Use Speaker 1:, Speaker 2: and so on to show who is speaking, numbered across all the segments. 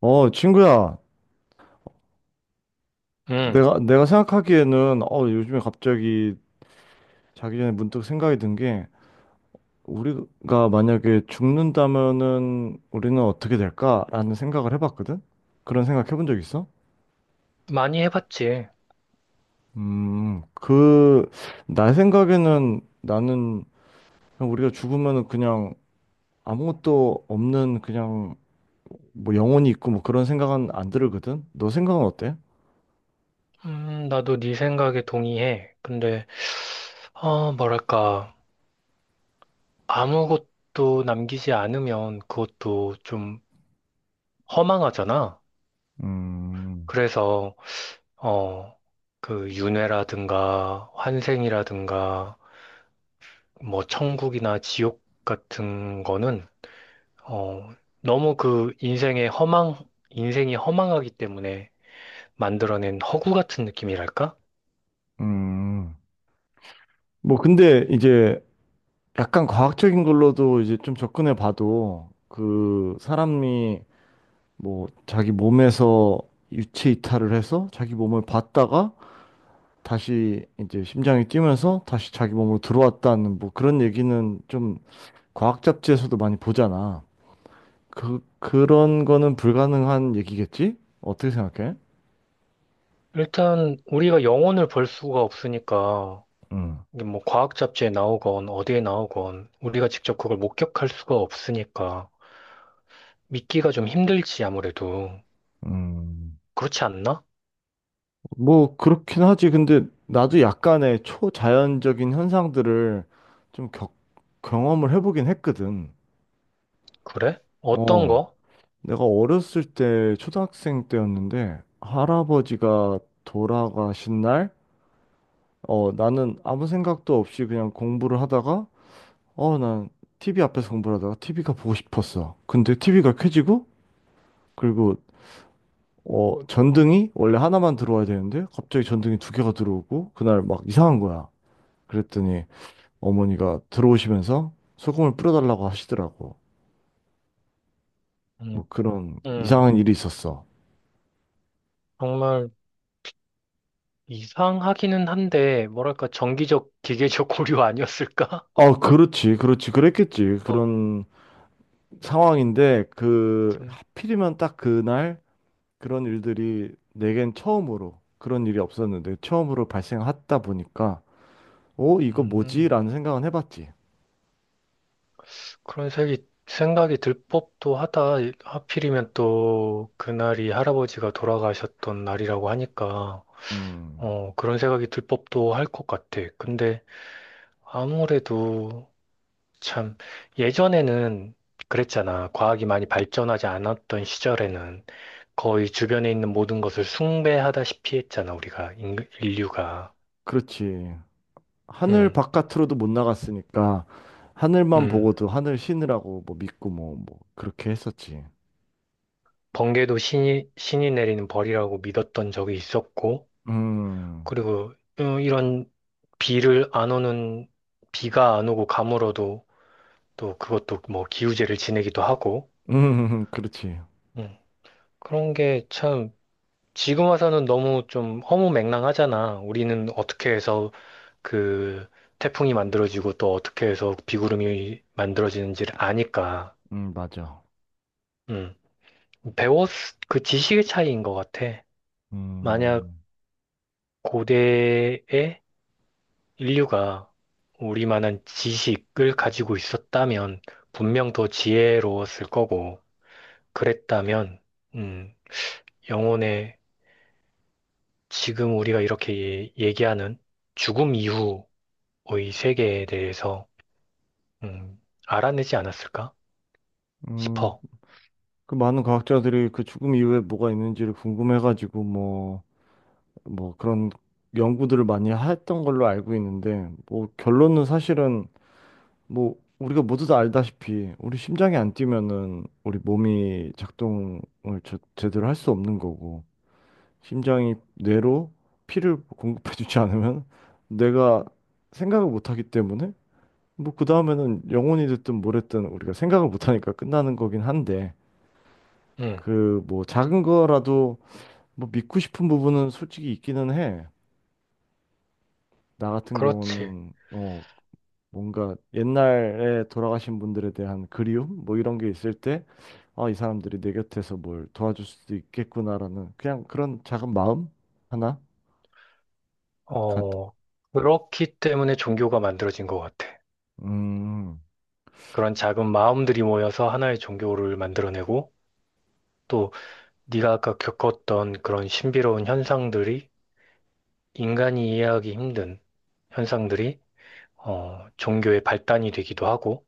Speaker 1: 친구야,
Speaker 2: 음,
Speaker 1: 내가 생각하기에는, 요즘에 갑자기 자기 전에 문득 생각이 든 게, 우리가 만약에 죽는다면은 우리는 어떻게 될까라는 생각을 해봤거든? 그런 생각 해본 적 있어?
Speaker 2: 많이 해봤지.
Speaker 1: 음, 그, 나 생각에는 나는 그냥 우리가 죽으면은 그냥 아무것도 없는 그냥 뭐 영혼이 있고 뭐 그런 생각은 안 들거든? 너 생각은 어때?
Speaker 2: 나도 네 생각에 동의해. 근데, 뭐랄까, 아무것도 남기지 않으면 그것도 좀 허망하잖아.
Speaker 1: 음.
Speaker 2: 그래서, 어, 그 윤회라든가 환생이라든가 뭐 천국이나 지옥 같은 거는, 어, 너무 그 인생의 허망, 인생이 허망하기 때문에 만들어낸 허구 같은 느낌이랄까?
Speaker 1: 음. 뭐 근데 이제 약간 과학적인 걸로도 이제 좀 접근해 봐도 그 사람이 뭐 자기 몸에서 유체 이탈을 해서 자기 몸을 봤다가 다시 이제 심장이 뛰면서 다시 자기 몸으로 들어왔다는 뭐 그런 얘기는 좀 과학 잡지에서도 많이 보잖아. 그런 거는 불가능한 얘기겠지? 어떻게 생각해?
Speaker 2: 일단 우리가 영혼을 볼 수가 없으니까
Speaker 1: 음.
Speaker 2: 이게 뭐 과학 잡지에 나오건 어디에 나오건 우리가 직접 그걸 목격할 수가 없으니까 믿기가 좀 힘들지 아무래도.
Speaker 1: 음.
Speaker 2: 그렇지 않나?
Speaker 1: 뭐 그렇긴 하지. 근데 나도 약간의 초자연적인 현상들을 좀 경험을 해보긴 했거든.
Speaker 2: 그래? 어떤
Speaker 1: 어,
Speaker 2: 거?
Speaker 1: 내가 어렸을 때 초등학생 때였는데 할아버지가 돌아가신 날, 나는 아무 생각도 없이 그냥 공부를 하다가, 난 TV 앞에서 공부를 하다가 TV가 보고 싶었어. 근데 TV가 켜지고, 그리고 전등이 원래 하나만 들어와야 되는데 갑자기 전등이 두 개가 들어오고 그날 막 이상한 거야. 그랬더니 어머니가 들어오시면서 소금을 뿌려달라고 하시더라고.
Speaker 2: 음,
Speaker 1: 뭐 그런
Speaker 2: 음,
Speaker 1: 이상한 일이 있었어.
Speaker 2: 정말 이상하기는 한데 뭐랄까 정기적 기계적 고려 아니었을까?
Speaker 1: 아, 그렇지, 그렇지, 그랬겠지.
Speaker 2: 어,
Speaker 1: 그런 상황인데,
Speaker 2: 좀
Speaker 1: 하필이면 딱 그날 그런 일들이 내겐 처음으로, 그런 일이 없었는데, 처음으로 발생하다 보니까, 이거 뭐지?
Speaker 2: 음,
Speaker 1: 라는 생각은 해봤지.
Speaker 2: 그런 생각이 들 법도 하다. 하필이면 또 그날이 할아버지가 돌아가셨던 날이라고 하니까
Speaker 1: 음,
Speaker 2: 그런 생각이 들 법도 할 것 같아. 근데 아무래도 참 예전에는 그랬잖아. 과학이 많이 발전하지 않았던 시절에는 거의 주변에 있는 모든 것을 숭배하다시피 했잖아, 우리가, 인류가.
Speaker 1: 그렇지. 하늘
Speaker 2: 음,
Speaker 1: 바깥으로도 못 나갔으니까, 하늘만
Speaker 2: 음.
Speaker 1: 보고도 하늘 신으라고 뭐 믿고 뭐, 그렇게 했었지.
Speaker 2: 번개도 신이 내리는 벌이라고 믿었던 적이 있었고,
Speaker 1: 음.
Speaker 2: 그리고 이런 비를 안 오는, 비가 안 오고 가물어도 또 그것도 뭐 기우제를 지내기도 하고,
Speaker 1: 음. 그렇지.
Speaker 2: 음. 그런 게참 지금 와서는 너무 좀 허무맹랑하잖아. 우리는 어떻게 해서 그 태풍이 만들어지고 또 어떻게 해서 비구름이 만들어지는지를 아니까.
Speaker 1: 맞아.
Speaker 2: 음. 배웠, 그 지식의 차이인 것 같아. 만약
Speaker 1: 음.
Speaker 2: 고대의 인류가 우리만한 지식을 가지고 있었다면 분명 더 지혜로웠을 거고, 그랬다면, 음, 영혼의 지금 우리가 이렇게 얘기하는 죽음 이후 이 세계에 대해서 음, 알아내지 않았을까
Speaker 1: 음.
Speaker 2: 싶어.
Speaker 1: 그 많은 과학자들이 그 죽음 이후에 뭐가 있는지를 궁금해가지고 뭐 그런 연구들을 많이 했던 걸로 알고 있는데, 뭐 결론은 사실은 뭐 우리가 모두 다 알다시피 우리 심장이 안 뛰면은 우리 몸이 작동을 제대로 할 수 없는 거고, 심장이 뇌로 피를 공급해주지 않으면 뇌가 생각을 못 하기 때문에 뭐 그 다음에는 영혼이 됐든 뭘 했든 우리가 생각을 못 하니까 끝나는 거긴 한데
Speaker 2: 음,
Speaker 1: 그 뭐 작은 거라도 뭐 믿고 싶은 부분은 솔직히 있기는 해. 나 같은
Speaker 2: 그렇지.
Speaker 1: 경우는 뭔가 옛날에 돌아가신 분들에 대한 그리움 뭐 이런 게 있을 때 아, 이 사람들이 내 곁에서 뭘 도와줄 수도 있겠구나라는 그냥 그런 작은 마음 하나 가,
Speaker 2: 어, 그렇기 때문에 종교가 만들어진 것 같아.
Speaker 1: 음.
Speaker 2: 그런 작은 마음들이 모여서 하나의 종교를 만들어내고 또 네가 아까 겪었던 그런 신비로운 현상들이 인간이 이해하기 힘든 현상들이 종교의 발단이 되기도 하고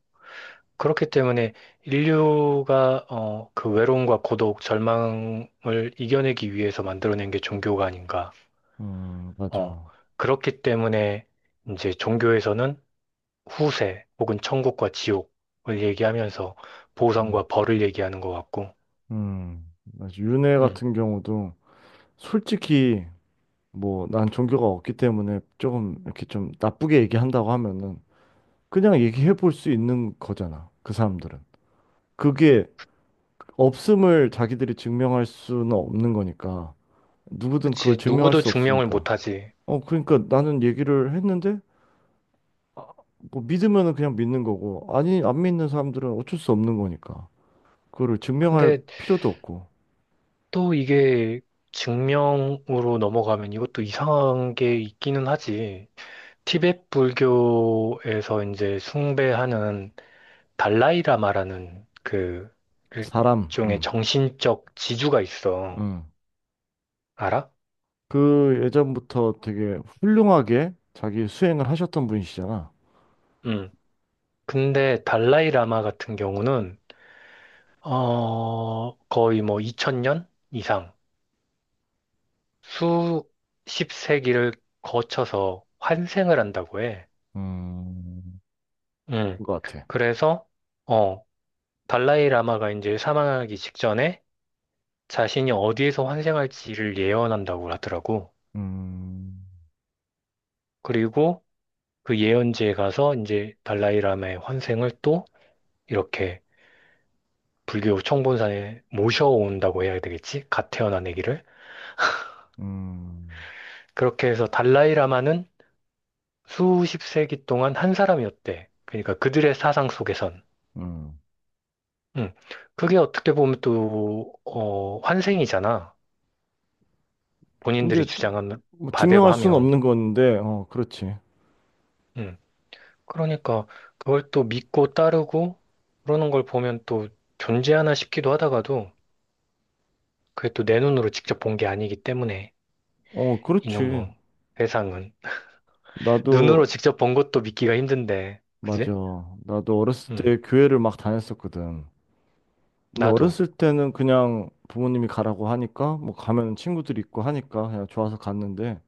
Speaker 2: 그렇기 때문에 인류가 그 외로움과 고독, 절망을 이겨내기 위해서 만들어낸 게 종교가 아닌가.
Speaker 1: 음.
Speaker 2: 어,
Speaker 1: 맞아.
Speaker 2: 그렇기 때문에 이제 종교에서는 후세 혹은 천국과 지옥을 얘기하면서
Speaker 1: 음.
Speaker 2: 보상과 벌을 얘기하는 것 같고,
Speaker 1: 음. 맞아. 윤회
Speaker 2: 음,
Speaker 1: 같은 경우도 솔직히 뭐 난 종교가 없기 때문에 조금 이렇게 좀 나쁘게 얘기한다고 하면은 그냥 얘기해 볼 수 있는 거잖아. 그 사람들은. 그게 없음을 자기들이 증명할 수는 없는 거니까. 누구든 그걸
Speaker 2: 그치.
Speaker 1: 증명할
Speaker 2: 누구도
Speaker 1: 수
Speaker 2: 증명을
Speaker 1: 없으니까.
Speaker 2: 못하지.
Speaker 1: 그러니까 나는 얘기를 했는데 아, 뭐 믿으면은 그냥 믿는 거고 아니 안 믿는 사람들은 어쩔 수 없는 거니까. 그거를 증명할
Speaker 2: 근데
Speaker 1: 필요도 없고.
Speaker 2: 또 이게 증명으로 넘어가면 이것도 이상한 게 있기는 하지. 티베트 불교에서 이제 숭배하는 달라이라마라는 그
Speaker 1: 사람.
Speaker 2: 일종의
Speaker 1: 음.
Speaker 2: 정신적 지주가 있어.
Speaker 1: 음.
Speaker 2: 알아?
Speaker 1: 그 예전부터 되게 훌륭하게 자기 수행을 하셨던 분이시잖아.
Speaker 2: 음. 근데 달라이라마 같은 경우는 거의 뭐 2000년 이상 수십 세기를 거쳐서 환생을 한다고 해.
Speaker 1: 음,
Speaker 2: 음.
Speaker 1: 그거 같아.
Speaker 2: 그래서 어, 달라이라마가 이제 사망하기 직전에 자신이 어디에서 환생할지를 예언한다고 하더라고.
Speaker 1: 음.
Speaker 2: 그리고 그 예언지에 가서 이제 달라이라마의 환생을 또 이렇게 불교 청본산에 모셔온다고 해야 되겠지? 갓 태어난 아기를.
Speaker 1: 음.
Speaker 2: 그렇게 해서 달라이라마는 수십 세기 동안 한 사람이었대. 그러니까 그들의 사상 속에선.
Speaker 1: 음.
Speaker 2: 음. 그게 어떻게 보면 또, 환생이잖아. 본인들이
Speaker 1: 근데
Speaker 2: 주장한
Speaker 1: 뭐
Speaker 2: 바대로
Speaker 1: 증명할 수는
Speaker 2: 하면.
Speaker 1: 없는 건데, 그렇지.
Speaker 2: 음. 그러니까 그걸 또 믿고 따르고 그러는 걸 보면 또 존재하나 싶기도 하다가도 그게 또 내 눈으로 직접 본 게 아니기 때문에
Speaker 1: 그렇지.
Speaker 2: 이놈의 세상은.
Speaker 1: 나도
Speaker 2: 눈으로 직접 본 것도 믿기가 힘든데.
Speaker 1: 맞아.
Speaker 2: 그지?
Speaker 1: 나도 어렸을 때
Speaker 2: 음.
Speaker 1: 교회를 막 다녔었거든. 근데
Speaker 2: 나도.
Speaker 1: 어렸을 때는 그냥 부모님이 가라고 하니까 뭐 가면 친구들이 있고 하니까 그냥 좋아서 갔는데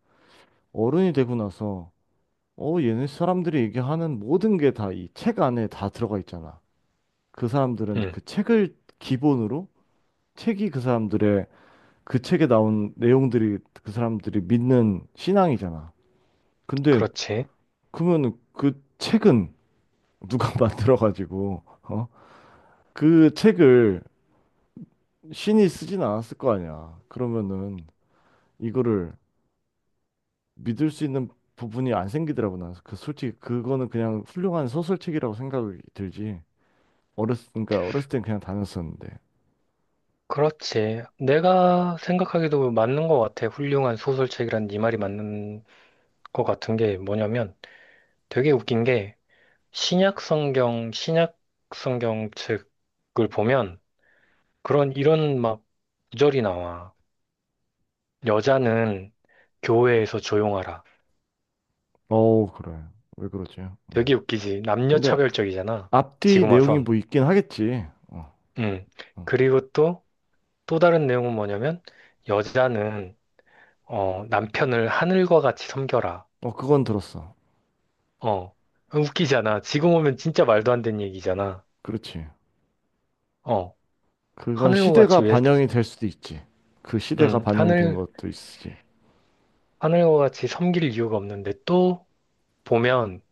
Speaker 1: 어른이 되고 나서 얘네 사람들이 얘기하는 모든 게 다 이 책 안에 다 들어가 있잖아. 그 사람들은
Speaker 2: 음.
Speaker 1: 그 책을 기본으로 책이 그 사람들의 그 책에 나온 내용들이 그 사람들이 믿는 신앙이잖아. 근데
Speaker 2: 그렇지.
Speaker 1: 그러면 그 책은 누가 만들어가지고 어? 그 책을 신이 쓰진 않았을 거 아니야. 그러면은 이거를 믿을 수 있는 부분이 안 생기더라고 나. 그 솔직히 그거는 그냥 훌륭한 소설책이라고 생각이 들지. 어렸 그러니까 어렸을 땐 그냥 다녔었는데.
Speaker 2: 그렇지. 내가 생각하기도 맞는 것 같아. 훌륭한 소설책이란 네 말이 맞는 것 같은 게 뭐냐면 되게 웃긴 게 신약 성경 책을 보면 그런 이런 막 구절이 나와. 여자는 교회에서 조용하라.
Speaker 1: 어 그래. 왜 그러지? 응.
Speaker 2: 되게 웃기지. 남녀
Speaker 1: 근데
Speaker 2: 차별적이잖아.
Speaker 1: 앞뒤
Speaker 2: 지금
Speaker 1: 내용이
Speaker 2: 와선.
Speaker 1: 뭐 있긴 하겠지. 어,
Speaker 2: 음.
Speaker 1: 어.
Speaker 2: 그리고 또 다른 내용은 뭐냐면 여자는 남편을 하늘과 같이 섬겨라.
Speaker 1: 어, 그건 들었어.
Speaker 2: 어. 웃기잖아. 지금 오면 진짜 말도 안 되는 얘기잖아.
Speaker 1: 그렇지.
Speaker 2: 어.
Speaker 1: 그건
Speaker 2: 하늘과 같이
Speaker 1: 시대가
Speaker 2: 왜,
Speaker 1: 반영이 될 수도 있지. 그 시대가
Speaker 2: 음,
Speaker 1: 반영이 된
Speaker 2: 하늘,
Speaker 1: 것도 있지.
Speaker 2: 하늘과 같이 섬길 이유가 없는데 또 보면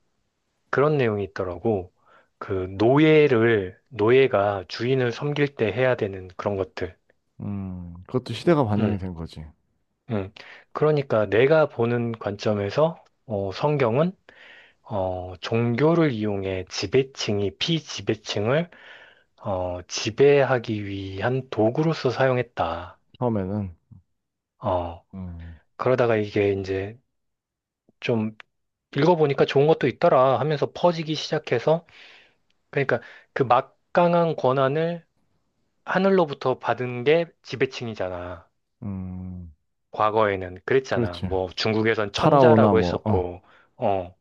Speaker 2: 그런 내용이 있더라고. 노예가 주인을 섬길 때 해야 되는 그런 것들.
Speaker 1: 그것도 시대가 반영이
Speaker 2: 음,
Speaker 1: 된 거지.
Speaker 2: 음. 그러니까 내가 보는 관점에서, 성경은, 종교를 이용해 지배층이 피지배층을, 지배하기 위한 도구로서 사용했다.
Speaker 1: 처음에는.
Speaker 2: 어.
Speaker 1: 음.
Speaker 2: 그러다가 이게 이제 좀 읽어보니까 좋은 것도 있더라 하면서 퍼지기 시작해서 그러니까 그 막강한 권한을 하늘로부터 받은 게 지배층이잖아.
Speaker 1: 음.
Speaker 2: 과거에는 그랬잖아.
Speaker 1: 그렇지.
Speaker 2: 뭐 중국에선
Speaker 1: 파라오나
Speaker 2: 천자라고
Speaker 1: 뭐,
Speaker 2: 했었고, 어,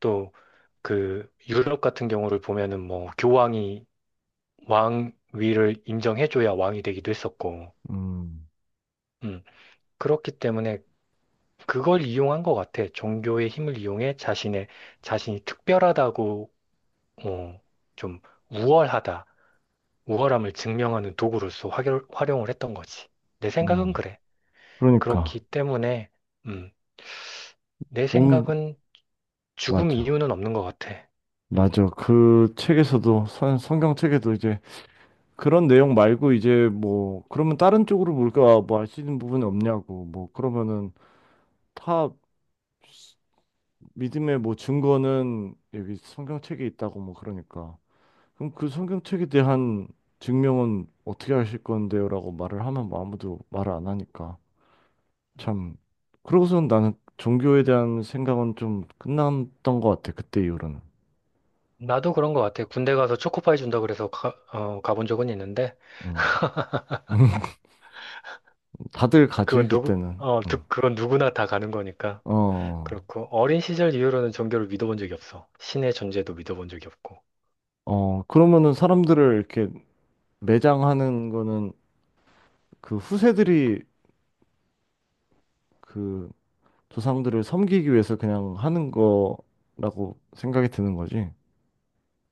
Speaker 2: 또 그 유럽 같은 경우를 보면은 뭐 교황이 왕위를 인정해줘야 왕이 되기도 했었고,
Speaker 1: 음.
Speaker 2: 음, 그렇기 때문에 그걸 이용한 것 같아. 종교의 힘을 이용해 자신의 자신이 특별하다고 어, 좀 우월하다, 우월함을 증명하는 도구로서 활용을 했던 거지. 내 생각은
Speaker 1: 음.
Speaker 2: 그래.
Speaker 1: 그러니까,
Speaker 2: 그렇기 때문에, 음, 내
Speaker 1: 뭔,
Speaker 2: 생각은 죽음
Speaker 1: 맞아.
Speaker 2: 이유는 없는 것 같아. 음,
Speaker 1: 맞아. 그 책에서도, 성경 책에도 이제 그런 내용 말고 이제 뭐, 그러면 다른 쪽으로 뭘까, 뭐할 수 있는 부분이 없냐고. 뭐, 그러면은 다 믿음의 뭐 증거는 여기 성경책에 있다고 뭐 그러니까. 그럼 그 성경책에 대한 증명은 어떻게 하실 건데요라고 말을 하면 뭐 아무도 말을 안 하니까 참 그러고선 나는 종교에 대한 생각은 좀 끝났던 것 같아 그때 이후로는.
Speaker 2: 나도 그런 것 같아. 군대 가서 초코파이 준다 그래서 가본 적은 있는데,
Speaker 1: 음. 다들 가지 그때는. 음.
Speaker 2: 그건 누구나 다 가는 거니까.
Speaker 1: 어,
Speaker 2: 그렇고, 어린 시절 이후로는 종교를 믿어본 적이 없어. 신의 존재도 믿어본 적이 없고.
Speaker 1: 어, 그러면은 사람들을 이렇게 매장하는 거는 그 후세들이 그 조상들을 섬기기 위해서 그냥 하는 거라고 생각이 드는 거지.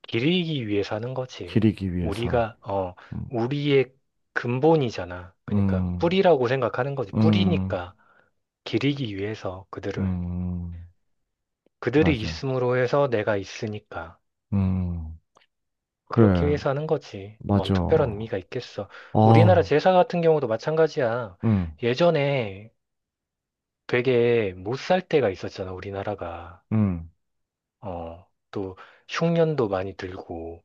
Speaker 2: 기르기 위해 사는 거지.
Speaker 1: 기리기 위해서.
Speaker 2: 우리가, 어,
Speaker 1: 음.
Speaker 2: 우리의 근본이잖아. 그러니까
Speaker 1: 음.
Speaker 2: 뿌리라고 생각하는 거지.
Speaker 1: 음.
Speaker 2: 뿌리니까 기르기 위해서 그들을.
Speaker 1: 음,
Speaker 2: 그들이
Speaker 1: 맞아.
Speaker 2: 있음으로 해서 내가 있으니까.
Speaker 1: 음,
Speaker 2: 그렇게
Speaker 1: 그래,
Speaker 2: 위해서 하는 거지. 뭔
Speaker 1: 맞아.
Speaker 2: 특별한 의미가 있겠어. 우리나라
Speaker 1: 아,
Speaker 2: 제사 같은 경우도 마찬가지야.
Speaker 1: 응,
Speaker 2: 예전에 되게 못 살 때가 있었잖아, 우리나라가.
Speaker 1: 응,
Speaker 2: 또 흉년도 많이 들고.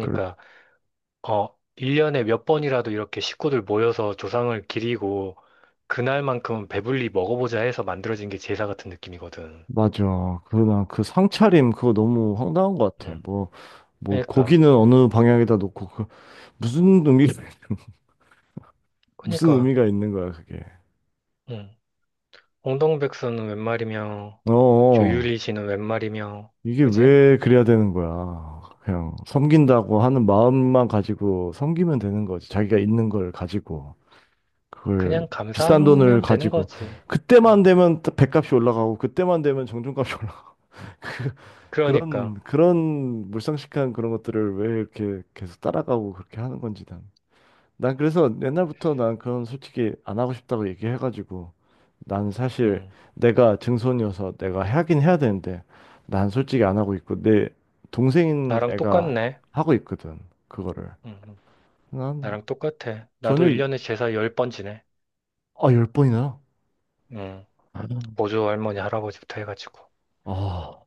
Speaker 1: 그래,
Speaker 2: 어, 1년에 몇 번이라도 이렇게 식구들 모여서 조상을 기리고 그날만큼은 배불리 먹어보자 해서 만들어진 게 제사 같은 느낌이거든.
Speaker 1: 맞아. 나 그 상차림 그거 너무 황당한 것 같아.
Speaker 2: 음.
Speaker 1: 뭐,
Speaker 2: 그러니까,
Speaker 1: 고기는 어느 방향에다 놓고, 무슨 의미, 무슨
Speaker 2: 그러니까,
Speaker 1: 의미가 있는 거야, 그게.
Speaker 2: 음. 홍동백서는 웬 말이며,
Speaker 1: 어, 어.
Speaker 2: 조유리시는 웬 말이며,
Speaker 1: 이게
Speaker 2: 그지?
Speaker 1: 왜 그래야 되는 거야. 그냥 섬긴다고 하는 마음만 가지고 섬기면 되는 거지. 자기가 있는 걸 가지고. 그걸
Speaker 2: 그냥
Speaker 1: 비싼 돈을
Speaker 2: 감사하면 되는
Speaker 1: 가지고
Speaker 2: 거지.
Speaker 1: 그때만
Speaker 2: 어.
Speaker 1: 되면 또 배값이 올라가고 그때만 되면 정중값이 올라가고 그런
Speaker 2: 그러니까,
Speaker 1: 그런 물상식한 그런 것들을 왜 이렇게 계속 따라가고 그렇게 하는 건지 난. 난 그래서 옛날부터 난 그런 솔직히 안 하고 싶다고 얘기해가지고 난 사실
Speaker 2: 음.
Speaker 1: 내가 증손이어서 내가 하긴 해야 되는데 난 솔직히 안 하고 있고 내 동생인
Speaker 2: 나랑
Speaker 1: 애가
Speaker 2: 똑같네.
Speaker 1: 하고 있거든 그거를.
Speaker 2: 음. 음.
Speaker 1: 난
Speaker 2: 나랑 똑같아. 나도
Speaker 1: 전혀
Speaker 2: 1년에 제사 10번 지내.
Speaker 1: 아, 열 번이나.
Speaker 2: 음. 보조 할머니, 할아버지부터 해가지고.
Speaker 1: 아,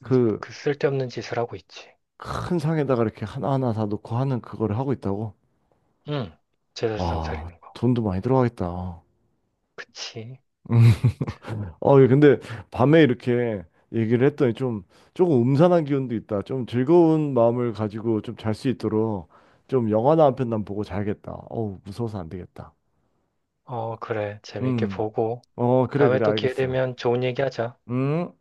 Speaker 1: 그
Speaker 2: 그 쓸데없는 짓을 하고 있지.
Speaker 1: 큰 상에다가 이렇게 하나하나 다 놓고 하는 그거를 하고 있다고?
Speaker 2: 응, 제사상
Speaker 1: 와,
Speaker 2: 차리는 거.
Speaker 1: 돈도 많이 들어가겠다.
Speaker 2: 그치.
Speaker 1: 어, 예, 근데 밤에 이렇게 얘기를 했더니 좀 조금 음산한 기운도 있다. 좀 즐거운 마음을 가지고 좀 잘 수 있도록 좀 영화나 한 편 난 보고 자야겠다. 어우, 무서워서 안 되겠다.
Speaker 2: 어, 그래. 재밌게
Speaker 1: 음.
Speaker 2: 보고.
Speaker 1: 어, 그래,
Speaker 2: 다음에
Speaker 1: 그래,
Speaker 2: 또 기회
Speaker 1: 알겠어.
Speaker 2: 되면 좋은 얘기 하자.
Speaker 1: 음.